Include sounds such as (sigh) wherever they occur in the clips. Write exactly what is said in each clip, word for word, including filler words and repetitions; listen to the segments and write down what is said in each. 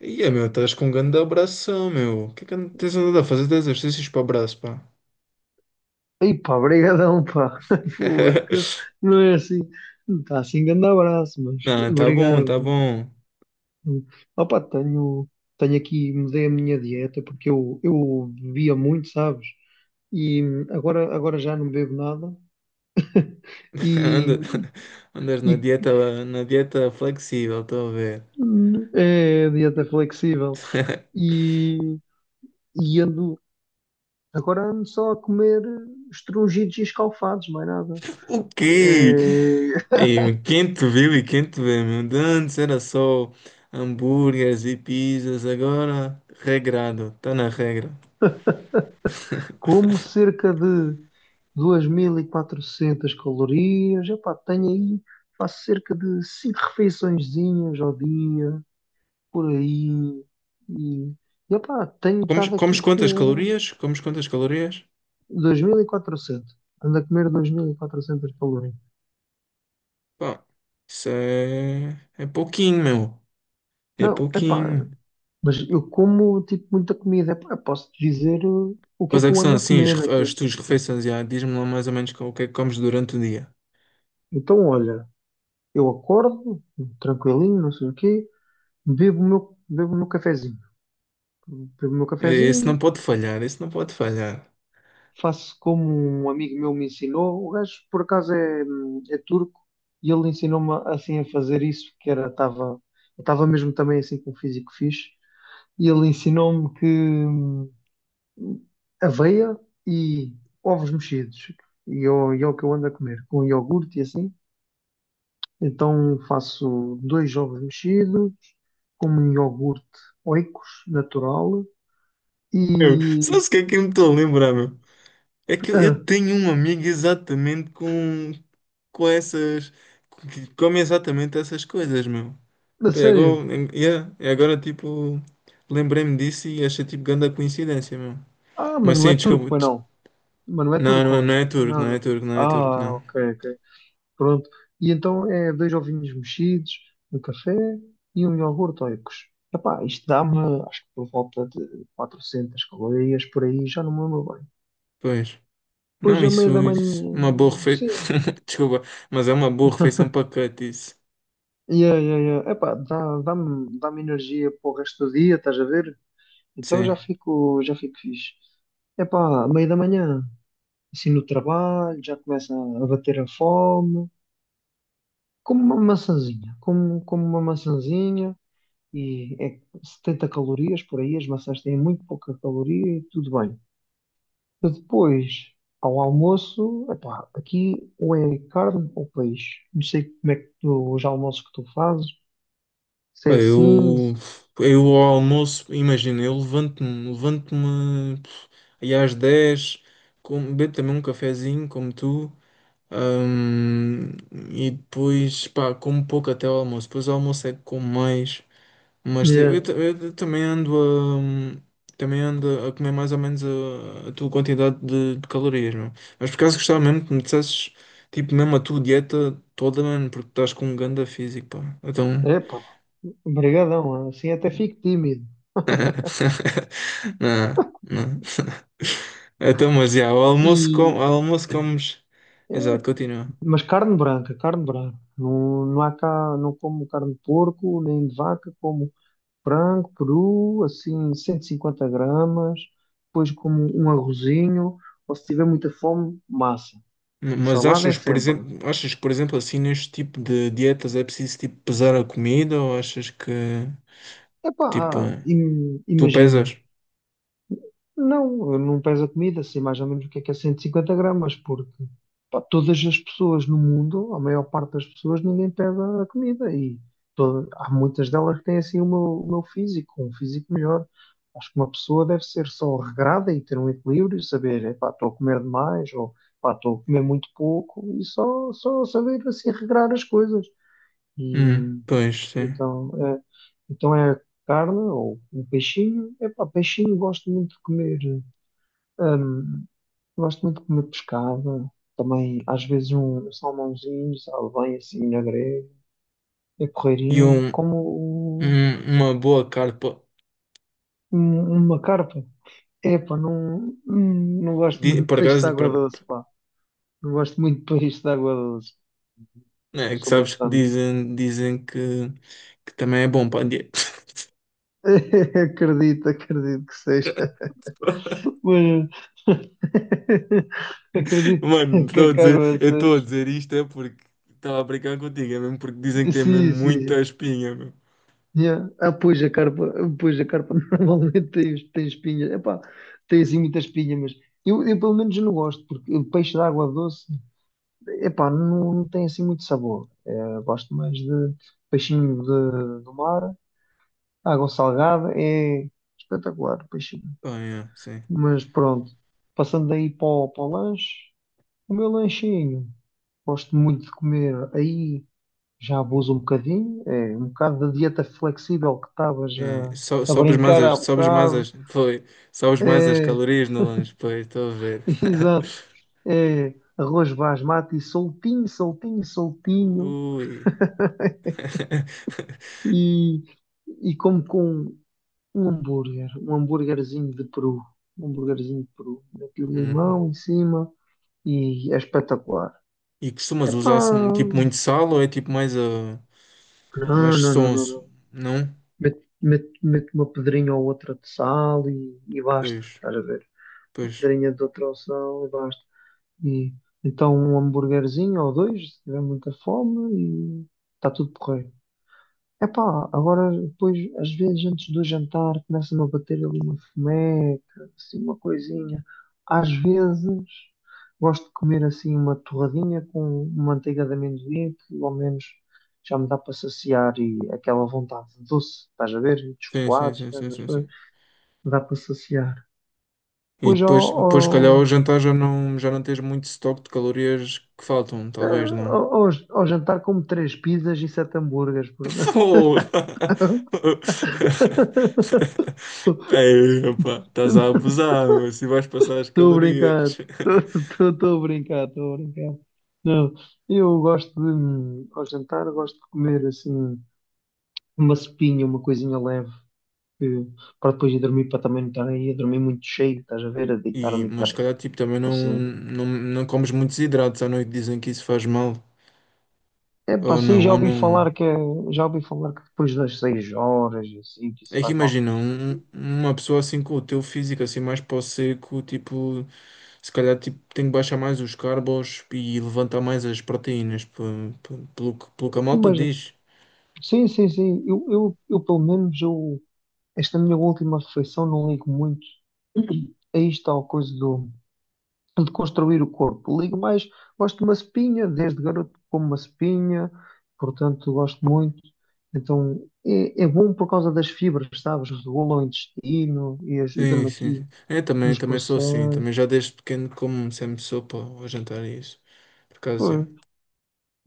Ia, meu, estás com um grande abração, meu. O que é que and- tens andado a fazer de exercícios para o braço, pá? Ei pá, brigadão pá. (laughs) Pô, esquece. (laughs) Não é assim. Não está assim grande abraço, mas Não, tá bom, obrigado. tá bom. Opa, tenho, tenho aqui, mudei a minha dieta porque eu, eu bebia muito, sabes? E agora, agora já não bebo nada. (laughs) (laughs) E, Anda- Andas e na dieta, na dieta flexível, estou a ver. é dieta flexível. (laughs) E, e ando, agora ando só a comer estrungidos e escalfados, mais nada. O quê? É, Ei, meu, quem te viu e quem te vê, meu? De antes era só hambúrgueres e pizzas, agora regrado, está na regra. como (laughs) cerca de dois mil e quatrocentas calorias. Epá, tenho aí, faço cerca de cinco refeiçõezinhas ao dia, por aí, e epá, tenho Comes, estado comes aqui quantas com calorias? Comes quantas calorias? dois mil e quatrocentas, ando a comer dois mil e quatrocentas calorias. Pá, isso é, é pouquinho, meu. É Não, epá, pouquinho. mas eu como tipo muita comida. Epá, posso te dizer eh, o que é Pois é que que eu são ando a assim as, comer refe- até. as tuas refeições, já. Diz-me lá mais ou menos co- o que é que comes durante o dia. Então, olha, eu acordo, tranquilinho, não sei o quê, bebo o meu, bebo o meu cafezinho. Bebo meu Esse cafezinho, não pode falhar, esse não pode falhar. faço como um amigo meu me ensinou. O gajo, por acaso, é, é turco e ele ensinou-me assim a fazer isso, que era, estava, eu estava mesmo também assim com um físico fixe. E ele ensinou-me que hum, aveia e ovos mexidos, e eu- e é o que eu ando a comer, com iogurte e assim. Então faço dois ovos mexidos, com um iogurte Oikos natural Eu, e. sabes o que é que eu me estou a lembrar, meu? É que eu, eu Ah, tenho um amigo exatamente com, com essas. Que come exatamente essas coisas, meu. a Pá, e sério? agora, em- yeah, e agora tipo, lembrei-me disso e achei tipo grande a coincidência, meu. Ah, mas Mas não é sim, turco, desculpa. pois des- não. Mas não é Não, não, é- turco, não é? é turco, Não, não é não. turco, não é turco, Ah, não. ok, ok. Pronto. E então é dois ovinhos mexidos, um café e um iogurte oicos. Epá, isto dá-me, acho que por volta de quatrocentas calorias por aí, já não me lembro bem. Pois. Depois, Não, a meia isso, da isso manhã, uma boa refeição. sim. (laughs) Desculpa, mas é uma boa refeição para cut isso. Yeah, yeah, yeah. Epá, dá, dá-me, dá-me energia para o resto do dia, estás a ver? Então Sim. já fico, já fico fixe. Epá, à meia da manhã, assim no trabalho, já começa a bater a fome. Como uma maçãzinha, como, como uma maçãzinha, e é setenta calorias por aí. As maçãs têm muito pouca caloria e tudo bem. E depois, ao almoço, epá, aqui ou é carne ou peixe. Não sei como é que tu, os almoços que tu fazes, se Pá, é assim, eu, se- eu ao almoço, imagina, eu levanto-me, levanto-me pff, aí às dez como, bebo também um cafezinho, como tu, hum, e depois, pá, como pouco até ao almoço. Depois ao almoço é que como mais. Mas eu, eu é ta- eu também ando a, hum, também ando a comer mais ou menos a, a tua quantidade de, de calorias, meu. Mas por acaso gostava mesmo que me dissesses, tipo, mesmo a tua dieta toda, mano, porque estás com um ganda físico, pá. Então. epá, brigadão, assim até fico tímido. (laughs) Não, não. Então, mas já, o almoço, E, com, o almoço comes. Exato, continua. mas carne branca, carne branca. Não, não há cá, não como carne de porco, nem de vaca, como frango, peru, assim, cento e cinquenta gramas, depois como um arrozinho, ou se tiver muita fome, massa. M- Mas Salada é achas, por sempre. exemplo, achas que, por exemplo, assim, neste tipo de dietas é preciso, tipo, pesar a comida ou achas que, Epá, tipo, ah, im- tu imagina, pesas? não, não pesa comida, sei mais ou menos o que é que é cento e cinquenta gramas, porque pá, todas as pessoas no mundo, a maior parte das pessoas, ninguém pesa a comida e toda- há muitas delas que têm assim o meu, o meu físico, um físico melhor. Acho que uma pessoa deve ser só regrada e ter um equilíbrio, saber, epá, estou a comer demais ou pá, estou a comer muito pouco, e só, só saber assim regrar as coisas. E Hum, hum, pois, sim. então é, então é carne ou um peixinho. Epá, peixinho gosto muito de comer. Gosto muito de comer pescada, também às vezes um salmãozinho, sabe, bem assim na grelha, é E porreirinho, um, como o- um- uma boa carpa. um- uma carpa. Epá, não, hum, não gosto Di- muito de Por peixe de acaso, água por- doce, pá. Não gosto muito de peixe de água doce. é que Sou muito sabes que fã de. dizem, dizem que, que também é bom para a dieta. (laughs) Acredito, acredito que seja. (laughs) Mas (laughs) acredito Mano, que, que estou a a dizer, Carol eu estou a seja. dizer isto é porque estava a brincar contigo, é mesmo porque dizem que tem mesmo Sim, sim, muita sim. espinha, meu. Yeah. Ah, pois a carpa, pois a carpa (laughs) normalmente tem, tem espinhas. Epá, tem assim muita espinha, mas eu, eu pelo menos não gosto, porque o peixe de água doce, epá, não, não tem assim muito sabor. É, gosto mais de peixinho de, do mar, água salgada. É espetacular, peixinho. Oh, yeah, sim. Mas pronto, passando aí para o, para o, lanche, o meu lanchinho, gosto muito de comer aí, já abuso um bocadinho, é um bocado da dieta flexível que estava É, já so- a sobes mais brincar há as, sobes mais bocado. as, foi, sobes mais as É, calorias no lanche, pois, estou a ver. (laughs) exato. É arroz basmati soltinho, soltinho, (laughs) soltinho, Ui. (laughs) e, e como com um hambúrguer, um hambúrguerzinho de peru, um hambúrguerzinho de peru, daquele Hum. limão em cima, e é espetacular. E costumas Epá, usar-se tipo não, muito sal ou é tipo mais a não, mais não, não, sonso? não. Não? Mete, mete, mete uma pedrinha ou outra de sal, e, e basta, Pois, estás a ver? A pois. pedrinha de outra opção e basta. E então um hambúrguerzinho ou dois, se tiver muita fome, e está tudo porreiro. Epá, agora depois, às vezes antes do jantar, começa-me a bater ali uma fomeca, assim, uma coisinha. Às vezes gosto de comer assim uma torradinha com manteiga de amendoim, que ao menos já me dá para saciar e aquela vontade doce, estás a ver? E de Sim, sim, chocolates, sim, né, sim, das sim, coisas, sim. dá para saciar. E Depois ao, depois, depois, se calhar, ao ao, jantar já não, já não tens muito estoque de calorias que faltam, eh, talvez, não? ao, ao- ao jantar como três pizzas e sete hambúrgueres, (laughs) portanto. Pô! (laughs) Ei, opa, estás a abusar, mas se vais passar as Estou a brincar, calorias. (laughs) estou a brincar, estou a brincar. Não, eu gosto de, ao jantar, gosto de comer assim uma sopinha, uma coisinha leve, que- para depois ir dormir, para também não estar aí a dormir muito cheio, estás a ver, a E, deitar-me e mas estar se calhar, tipo, também não, assim. não, não comes muitos hidratos à noite, dizem que isso faz mal. É pá, Ou assim não, já ou ouvi não. falar que é, já ouvi falar que depois das seis horas, e assim, que isso É que faz mal. imagina, um- um, uma pessoa assim com o teu físico, assim mais para o seco, tipo, se calhar tipo, tem que baixar mais os carbos e levantar mais as proteínas, pe- pe- pelo, que- pelo que a malta Mas diz. sim, sim, sim. Eu, eu, eu pelo menos, eu, esta minha última refeição não ligo muito, aí está a coisa do, de construir o corpo. Ligo mais, gosto de uma espinha, desde garoto como uma espinha, portanto gosto muito. Então é, é bom por causa das fibras, sabes? Regula o intestino e Sim, ajuda-me sim, aqui sim. É, também, nos também sou assim, processos. também já desde pequeno como sempre sopa ao jantar e isso. Por acaso, já,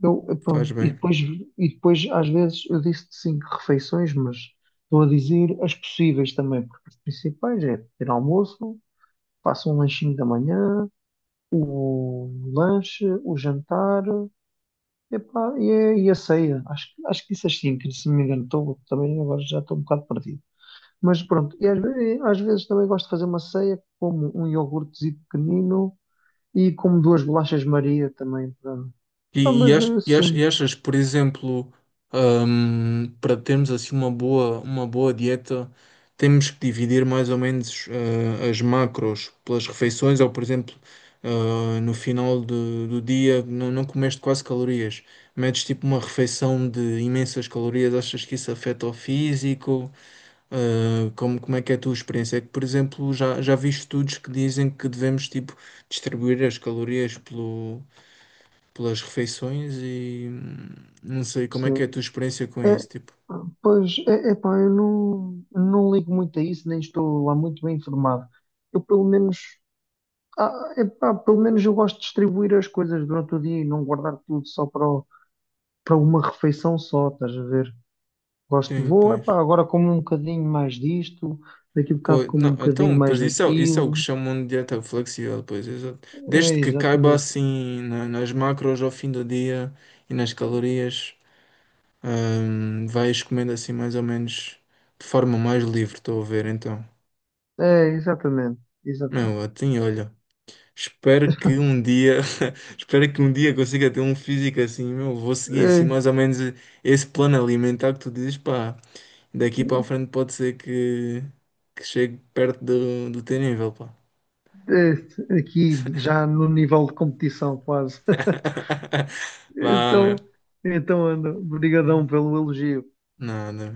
Eu, eu, faz pronto, e bem. depois, e depois às vezes eu disse cinco refeições, mas estou a dizer as possíveis também, porque as principais é ter almoço, faço um lanchinho da manhã, o lanche, o jantar, epá, e, é- e a ceia. Acho, que- acho que disse as cinco, se não me engano, estou, também agora já estou um bocado perdido. Mas pronto, e às, ve- às vezes também gosto de fazer uma ceia, como um iogurtezinho pequenino e como duas bolachas Maria também, pronto. Ah, E, mas e, ach- eh, e ach- sim. e achas, por exemplo, hum, para termos assim uma boa, uma boa dieta, temos que dividir mais ou menos eh, as macros pelas refeições, ou por exemplo, eh, no final do, do dia não, não comeste quase calorias, metes tipo uma refeição de imensas calorias, achas que isso afeta o físico? Eh, como, como é que é a tua experiência? É que, por exemplo, já, já vi estudos que dizem que devemos tipo distribuir as calorias pelo pelas refeições e hum, não sei como é que é a Sim. tua experiência com isso, É, tipo. pois, é, epá, eu não, não ligo muito a isso, nem estou lá muito bem informado. Eu, pelo menos, ah, epá, pelo menos eu gosto de distribuir as coisas durante o dia e não guardar tudo só para, o- para uma refeição só, estás a ver? Gosto de, Sim, vou, epá, pois. agora como um bocadinho mais disto, daqui a Pô, bocado como um não, bocadinho então, mais pois isso é, isso é o daquilo. que chamam de dieta flexível, pois, exato. É, Desde que caiba exatamente. assim na- nas macros ao fim do dia e nas calorias, hum, vais comendo assim mais ou menos de forma mais livre, estou a ver, então. É, exatamente. Meu, Exatamente. assim, olha, espero que um dia, (laughs) espero que um dia consiga ter um físico assim, meu, vou seguir assim É, mais ou menos esse plano alimentar que tu dizes, pá. Daqui para a frente pode ser que, que chegue perto do, do teu nível, pá. é, aqui já no nível de competição quase. (laughs) Vá, Então, meu. então, Ana, brigadão pelo elogio. Nada.